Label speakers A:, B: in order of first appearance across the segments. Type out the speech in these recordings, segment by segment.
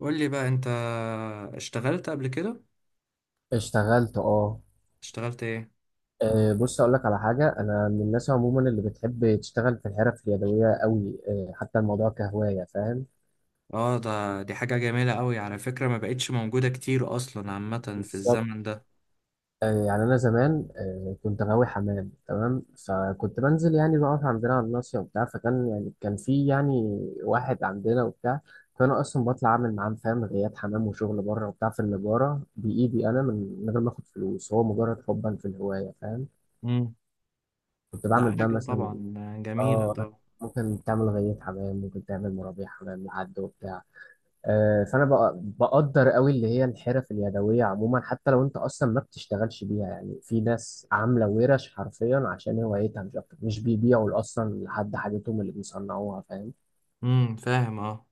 A: قول لي بقى انت، اشتغلت قبل كده؟
B: اشتغلت اه.
A: اشتغلت ايه؟
B: بص اقول لك على حاجه. انا من الناس عموما اللي بتحب تشتغل في الحرف اليدويه قوي، حتى الموضوع كهوايه، فاهم؟
A: اه، دي حاجة جميلة قوي على فكرة، ما بقتش موجودة كتير اصلا عامة في الزمن
B: بالظبط.
A: ده.
B: يعني انا زمان كنت غاوي حمام، تمام؟ فكنت بنزل، يعني بقف عندنا على الناصيه وبتاع، فكان يعني كان في يعني واحد عندنا وبتاع. فانا اصلا بطلع اعمل معاه، فاهم؟ غيات حمام وشغل بره وبتاع في النجاره بايدي انا، من غير ما اخد فلوس، هو مجرد حبا في الهوايه، فاهم؟
A: امم
B: كنت
A: ده
B: بعمل بقى
A: حاجة
B: مثلا
A: طبعا جميلة
B: اه
A: طبعا.
B: ممكن تعمل غية حمام، ممكن تعمل مرابيع حمام لحد وبتاع. آه، بقدر قوي اللي هي الحرف اليدويه عموما، حتى لو انت اصلا ما بتشتغلش بيها. يعني في ناس عامله ورش حرفيا عشان هوايتها مش اكتر، مش بيبيعوا اصلا لحد حاجتهم اللي بيصنعوها، فاهم؟
A: امم، فاهم، اه.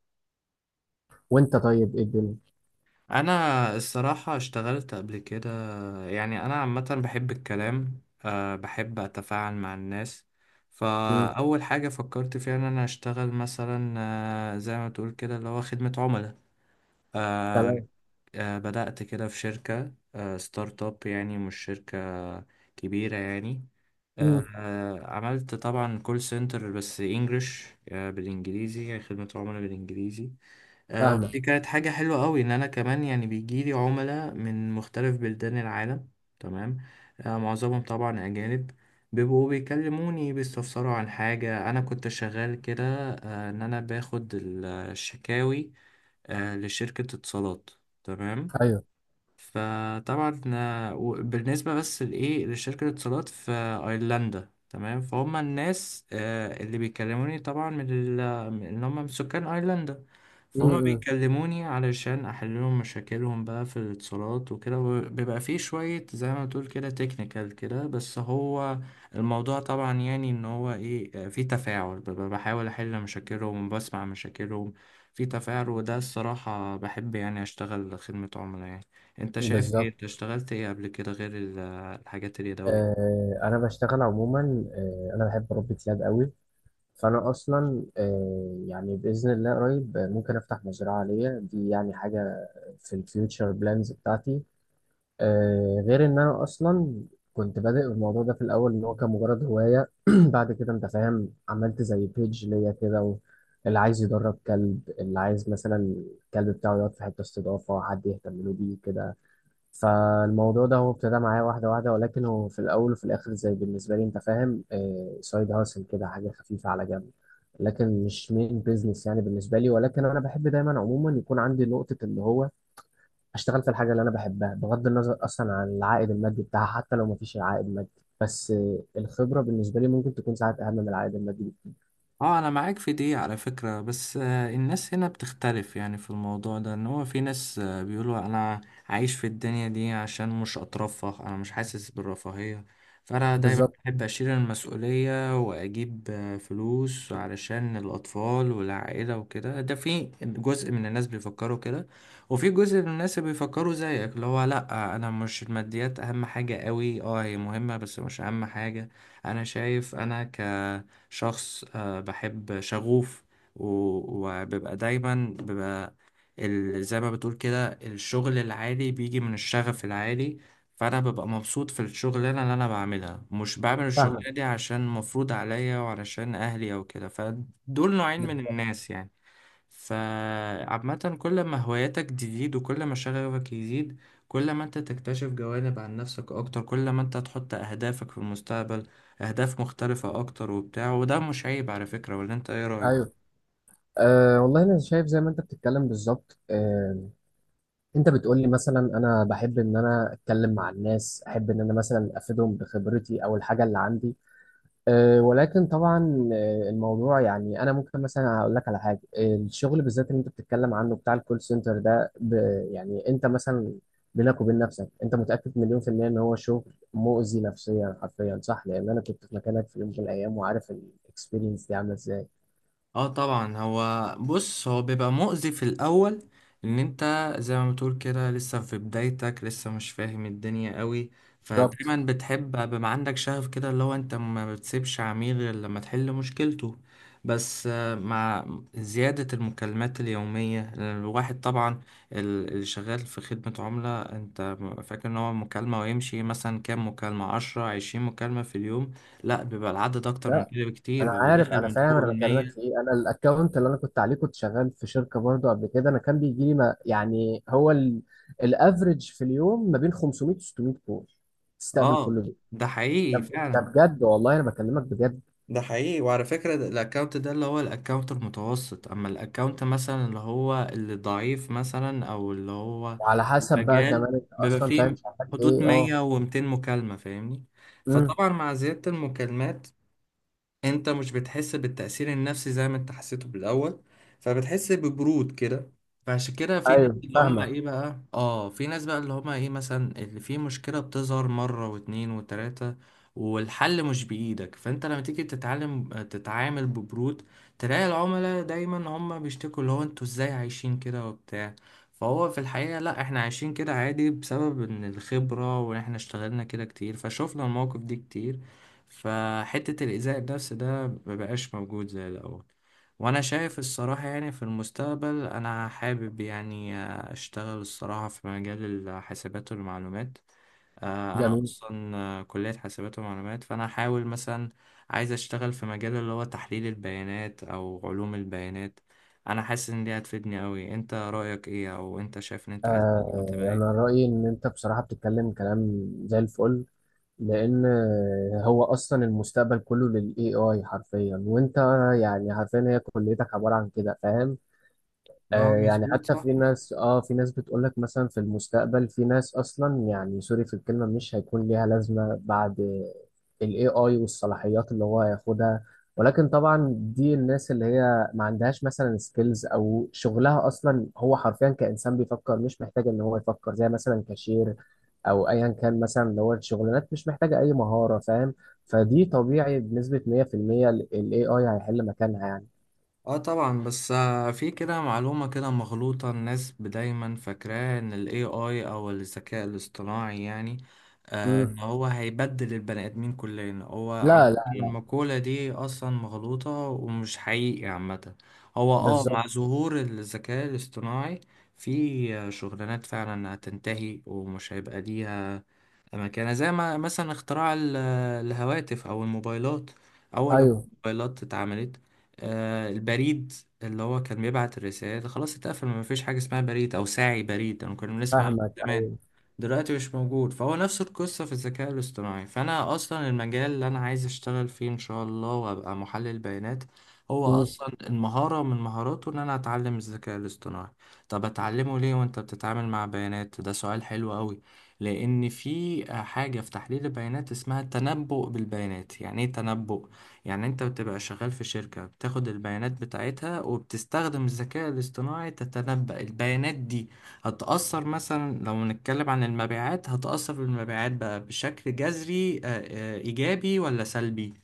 B: وانت طيب ايه الدنيا؟
A: انا الصراحة اشتغلت قبل كده. يعني انا عامة بحب الكلام، بحب اتفاعل مع الناس.
B: امم.
A: فاول حاجة فكرت فيها ان انا اشتغل مثلا، زي ما تقول كده اللي هو خدمة عملاء. آه،
B: تمام.
A: بدأت كده في شركة، ستارت اب، يعني مش شركة كبيرة يعني.
B: امم.
A: عملت طبعا كول سنتر بس انجلش، بالانجليزي، يعني خدمة عملاء بالانجليزي.
B: فاهمه.
A: ودي كانت حاجة حلوة قوي ان انا كمان يعني بيجيلي عملاء من مختلف بلدان العالم. تمام. معظمهم طبعا اجانب، بيبقوا بيكلموني بيستفسروا عن حاجة. أنا كنت شغال كده، إن أنا باخد الشكاوي لشركة اتصالات. تمام.
B: ايوه.
A: فطبعا بالنسبة بس لإيه، لشركة الاتصالات في أيرلندا. تمام. فهم الناس اللي بيكلموني طبعا، إن هم من سكان أيرلندا. فهم
B: امم.
A: بيكلموني علشان أحل لهم مشاكلهم بقى في الاتصالات وكده، بيبقى فيه شوية زي ما تقول كده تكنيكال كده، بس هو الموضوع طبعا، يعني إن هو إيه، فيه تفاعل، ببقى بحاول أحل مشاكلهم، بسمع مشاكلهم. فيه تفاعل، وده الصراحة بحب يعني أشتغل خدمة عملاء يعني. انت شايف ايه؟
B: بالظبط.
A: انت اشتغلت ايه قبل كده غير الحاجات اليدوية؟
B: آه، انا بشتغل عموما، آه انا بحب اربي كلاب قوي. فانا اصلا يعني باذن الله قريب ممكن افتح مزرعه ليا، دي يعني حاجه في الفيوتشر بلانز بتاعتي. غير ان انا اصلا كنت بادئ الموضوع ده في الاول، ان هو كان مجرد هوايه. بعد كده، انت فاهم، عملت زي بيج ليا كده، اللي عايز يدرب كلب، اللي عايز مثلا الكلب بتاعه يقعد في حته استضافه، حد يهتم له بيه كده. فالموضوع ده هو ابتدى معايا واحدة واحدة، ولكن هو في الأول وفي الآخر زي بالنسبة لي، أنت فاهم، سايد هاسل كده، حاجة خفيفة على جنب، لكن مش مين بيزنس يعني بالنسبة لي. ولكن أنا بحب دايما عموما يكون عندي نقطة اللي هو أشتغل في الحاجة اللي أنا بحبها، بغض النظر أصلا عن العائد المادي بتاعها. حتى لو مفيش عائد مادي، بس الخبرة بالنسبة لي ممكن تكون ساعات أهم من العائد المادي بكتير.
A: اه، انا معاك في دي على فكرة. بس الناس هنا بتختلف يعني في الموضوع ده، ان هو في ناس بيقولوا انا عايش في الدنيا دي عشان مش اترفه، انا مش حاسس بالرفاهية. فانا دايما
B: بالظبط.
A: بحب اشيل المسؤولية واجيب فلوس علشان الاطفال والعائلة وكده. ده في جزء من الناس بيفكروا كده. وفي جزء من الناس بيفكروا زيك، اللي هو لا، انا مش، الماديات اهم حاجة قوي، اه هي مهمة بس مش اهم حاجة. انا شايف انا ك شخص بحب شغوف. وببقى دايما ببقى زي ما بتقول كده، الشغل العالي بيجي من الشغف العالي. فأنا ببقى مبسوط في الشغلانة اللي أنا بعملها، مش بعمل
B: فاهمك.
A: الشغلانة دي عشان مفروض عليا وعلشان أهلي أو كده، فدول نوعين من
B: بالظبط.
A: الناس يعني. فعامة كل ما هواياتك تزيد وكل ما شغفك يزيد، كل ما انت تكتشف جوانب عن نفسك اكتر، كل ما انت تحط اهدافك في المستقبل اهداف مختلفة اكتر وبتاع، وده مش عيب على فكرة. ولا انت ايه رأيك؟
B: أيوه. أه والله أنا شايف زي ما أنت بتتكلم بالظبط. أه، انت بتقولي مثلا انا بحب ان انا اتكلم مع الناس، احب ان انا مثلا افيدهم بخبرتي او الحاجه اللي عندي. أه، ولكن طبعا الموضوع يعني انا ممكن مثلا اقول لك على حاجه. الشغل بالذات اللي انت بتتكلم عنه بتاع الكول سنتر ده ب، يعني انت مثلا بينك وبين نفسك، انت متاكد مليون في الميه ان هو شغل مؤذي نفسيا حرفيا، صح؟ لان انا كنت في مكانك في يوم من الايام، وعارف الاكسبيرينس دي عامله ازاي.
A: اه طبعا، هو بص، هو بيبقى مؤذي في الاول، ان انت زي ما بتقول كده لسه في بدايتك، لسه مش فاهم الدنيا قوي.
B: بالظبط.
A: فدايما بتحب بيبقى عندك شغف كده، اللي هو انت ما بتسيبش عميل غير لما تحل مشكلته. بس مع زيادة المكالمات اليومية، لأن الواحد طبعا اللي شغال في خدمة عملاء، انت فاكر ان هو مكالمة ويمشي، مثلا كام مكالمة؟ 10، 20 مكالمة في اليوم؟ لا، بيبقى العدد أكتر من
B: لا،
A: كده بكتير،
B: انا
A: بيبقى
B: عارف،
A: داخل
B: انا
A: من
B: فاهم،
A: فوق
B: انا بكلمك في
A: المية.
B: ايه. انا الاكونت اللي انا كنت عليه، كنت شغال في شركه برضه قبل كده، انا كان بيجي لي، ما يعني، هو الافريج في اليوم ما بين 500 و 600 كول، تستقبل كل
A: اه،
B: دول.
A: ده حقيقي
B: ده، ده
A: فعلا.
B: بجد، والله انا بكلمك بجد.
A: ده حقيقي، وعلى فكرة الاكونت ده اللي هو الاكونت المتوسط، اما الاكونت مثلا اللي هو اللي ضعيف مثلا، او اللي هو
B: وعلى حسب بقى
A: المجال،
B: كمان انت
A: بيبقى
B: اصلا فاهم
A: فيه
B: شغال
A: حدود
B: ايه.
A: 100
B: اه.
A: و200 مكالمة، فاهمني.
B: امم.
A: فطبعا مع زيادة المكالمات، انت مش بتحس بالتأثير النفسي زي ما انت حسيته بالأول، فبتحس ببرود كده. فعشان كده في ناس
B: ايوه
A: اللي هم
B: فاهمك.
A: ايه بقى، في ناس بقى اللي هم ايه، مثلا اللي في مشكلة بتظهر مرة واتنين وتلاتة، والحل مش بإيدك، فانت لما تيجي تتعلم تتعامل ببرود، تلاقي العملاء دايما هم بيشتكوا اللي هو انتوا ازاي عايشين كده وبتاع. فهو في الحقيقة لا، احنا عايشين كده عادي بسبب ان الخبرة، واحنا اشتغلنا كده كتير فشوفنا المواقف دي كتير، فحتة الإيذاء النفسي ده مبقاش موجود زي الأول. وأنا شايف الصراحة، يعني في المستقبل أنا حابب يعني أشتغل الصراحة في مجال الحاسبات والمعلومات. أنا
B: جميل.
A: أصلا كلية حاسبات ومعلومات، فأنا أحاول مثلا، عايز أشتغل في مجال اللي هو تحليل البيانات أو علوم البيانات. أنا حاسس إن دي هتفيدني أوي. أنت رأيك إيه؟ أو أنت شايف إن أنت عايز
B: آه،
A: تبقى
B: انا
A: إيه؟
B: رايي ان انت بصراحه بتتكلم كلام زي الفل. لان هو اصلا المستقبل كله للاي اي حرفيا، وانت يعني عارفين هي كليتك عباره عن كده، فاهم؟
A: اه
B: آه يعني
A: مظبوط،
B: حتى
A: صح.
B: في ناس، اه في ناس بتقول لك مثلا في المستقبل في ناس اصلا يعني، سوري في الكلمه، مش هيكون ليها لازمه بعد ال AI والصلاحيات اللي هو هياخدها. ولكن طبعا دي الناس اللي هي ما عندهاش مثلا سكيلز، او شغلها اصلا هو حرفيا كانسان بيفكر، مش محتاج ان هو يفكر، زي مثلا كاشير او ايا كان مثلا، اللي هو الشغلانات مش محتاجه اي مهاره، فاهم؟ فدي طبيعي بنسبه 100% ال AI هيحل مكانها يعني.
A: اه طبعا، بس في كده معلومة كده مغلوطة، الناس دايما فاكراه ان ال AI او الذكاء الاصطناعي، يعني
B: مم.
A: ان هو هيبدل البني ادمين كلنا، هو
B: لا
A: عم
B: لا لا
A: المقولة دي اصلا مغلوطة ومش حقيقي عامة. هو
B: بالظبط.
A: مع ظهور الذكاء الاصطناعي في شغلانات فعلا هتنتهي ومش هيبقى ليها مكانة، زي ما مثلا اختراع الهواتف أو الموبايلات. أول لما
B: ايوه
A: الموبايلات اتعملت، البريد اللي هو كان بيبعت الرسائل خلاص اتقفل، ما فيش حاجة اسمها بريد أو ساعي بريد، أنا كنا بنسمع عنه
B: فاهمك.
A: زمان،
B: ايوه.
A: دلوقتي مش موجود. فهو نفس القصة في الذكاء الاصطناعي، فأنا أصلا المجال اللي أنا عايز أشتغل فيه إن شاء الله وأبقى محلل بيانات، هو
B: مم.
A: أصلا المهارة من مهاراته إن أنا أتعلم الذكاء الاصطناعي. طب أتعلمه ليه وأنت بتتعامل مع بيانات؟ ده سؤال حلو أوي. لأن في حاجة في تحليل البيانات اسمها التنبؤ بالبيانات. يعني إيه تنبؤ؟ يعني أنت بتبقى شغال في شركة، بتاخد البيانات بتاعتها وبتستخدم الذكاء الاصطناعي تتنبأ البيانات دي هتأثر مثلا، لو نتكلم عن المبيعات، هتأثر بالمبيعات بقى بشكل جذري، إيجابي ولا سلبي؟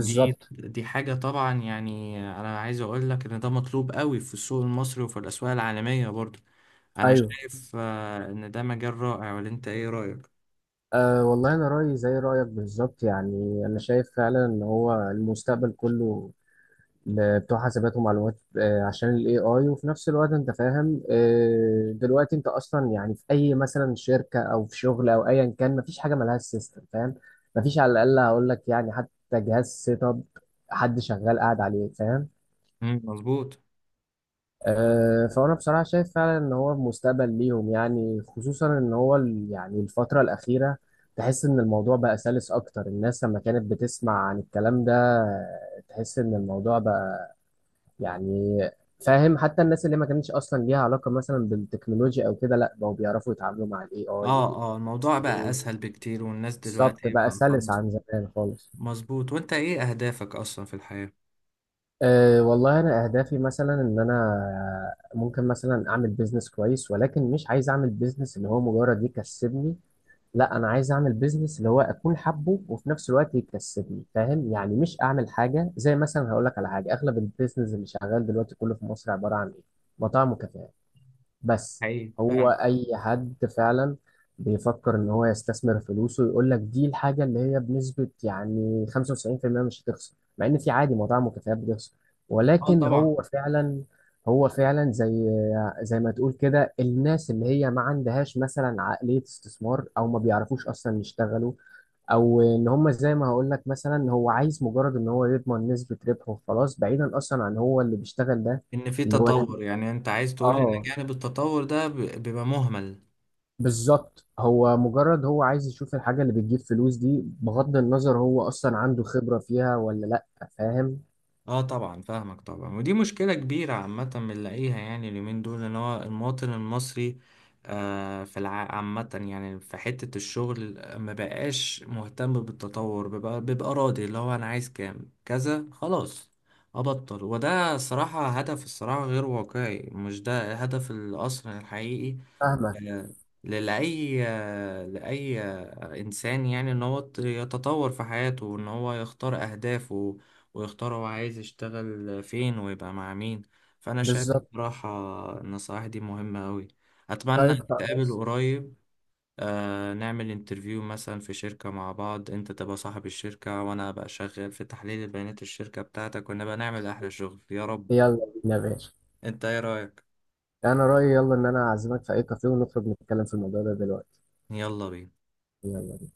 A: دي دي حاجة طبعا يعني، أنا عايز أقول لك إن ده مطلوب قوي في السوق المصري وفي الأسواق العالمية برضه. أنا
B: ايوه.
A: شايف إن ده مجال رائع. ولا أنت إيه رأيك؟
B: أه والله انا رايي زي رايك بالظبط. يعني انا شايف فعلا ان هو المستقبل كله بتوع حاسبات ومعلومات. أه، عشان الاي اي، وفي نفس الوقت انت فاهم، أه دلوقتي انت اصلا، يعني في اي مثلا شركه او في شغل او ايا كان، مفيش حاجه ملهاش سيستم، فاهم؟ مفيش. على الاقل هقول لك يعني حتى جهاز سيت اب حد شغال قاعد عليه، فاهم؟
A: مم، مظبوط.
B: فأنا بصراحة شايف فعلا إن هو مستقبل ليهم، يعني خصوصا إن هو، يعني الفترة الأخيرة تحس إن الموضوع بقى سلس أكتر. الناس لما كانت بتسمع عن الكلام ده، تحس إن الموضوع بقى، يعني، فاهم، حتى الناس اللي ما كانتش أصلا ليها علاقة مثلا بالتكنولوجيا أو كده، لأ، بقوا بيعرفوا يتعاملوا مع ال AI
A: اه، اه، الموضوع بقى
B: ويسألوه.
A: اسهل بكتير، والناس
B: بالظبط،
A: دلوقتي
B: بقى
A: بقى
B: سلس
A: خلاص.
B: عن زمان خالص.
A: مظبوط. وانت ايه اهدافك اصلا في الحياة؟
B: أه والله أنا أهدافي مثلا إن أنا ممكن مثلا أعمل بيزنس كويس، ولكن مش عايز أعمل بيزنس اللي هو مجرد يكسبني. لا، أنا عايز أعمل بيزنس اللي هو أكون حابه وفي نفس الوقت يكسبني، فاهم؟ يعني مش أعمل حاجة زي مثلا، هقول لك على حاجة، أغلب البيزنس اللي شغال دلوقتي كله في مصر عبارة عن إيه؟ مطاعم وكافيهات بس.
A: حقيقي
B: هو
A: فعلا.
B: اي حد فعلا بيفكر ان هو يستثمر فلوسه يقول لك دي الحاجه اللي هي بنسبه يعني 95% مش هتخسر، مع ان في عادي مواضيع مكافآت بتخسر.
A: اه
B: ولكن
A: طبعا،
B: هو فعلا، هو فعلا زي، زي ما تقول كده، الناس اللي هي ما عندهاش مثلا عقليه استثمار، او ما بيعرفوش اصلا يشتغلوا، او ان هم زي ما هقول لك مثلا، هو عايز مجرد ان هو يضمن نسبه ربحه وخلاص، بعيدا اصلا عن هو اللي بيشتغل ده
A: ان في
B: اللي هو الحد...
A: تطور، يعني انت عايز تقول ان
B: اه
A: جانب التطور ده بيبقى مهمل؟
B: بالظبط. هو مجرد هو عايز يشوف الحاجة اللي بتجيب فلوس دي، بغض النظر هو أصلا عنده خبرة فيها ولا لأ، فاهم؟
A: اه طبعا فاهمك طبعا، ودي مشكلة كبيرة عامة بنلاقيها يعني اليومين دول، ان هو المواطن المصري آه في الع... عامة يعني في حتة الشغل ما بقاش مهتم بالتطور، بيبقى راضي اللي هو انا عايز كام كذا خلاص ابطل. وده صراحة هدف، الصراحة غير واقعي، مش ده هدف الاصل الحقيقي
B: فاهمك.
A: آه، لأي إنسان، يعني إن هو يتطور في حياته، وإن هو يختار أهدافه، ويختار هو عايز يشتغل فين ويبقى مع مين. فأنا شايف
B: بالظبط.
A: بصراحة النصائح دي مهمة أوي. أتمنى
B: طيب
A: نتقابل
B: خلاص.
A: قريب. نعمل انترفيو مثلا في شركة مع بعض، أنت تبقى صاحب الشركة وأنا أبقى شغال في تحليل البيانات الشركة بتاعتك، ونبقى نعمل أحلى شغل يا رب.
B: يلا بينا يا باشا.
A: أنت إيه رأيك؟
B: أنا رأيي، يلا، إن أنا أعزمك في أي كافيه ونخرج نتكلم في الموضوع ده دلوقتي.
A: يلا بينا.
B: يلا.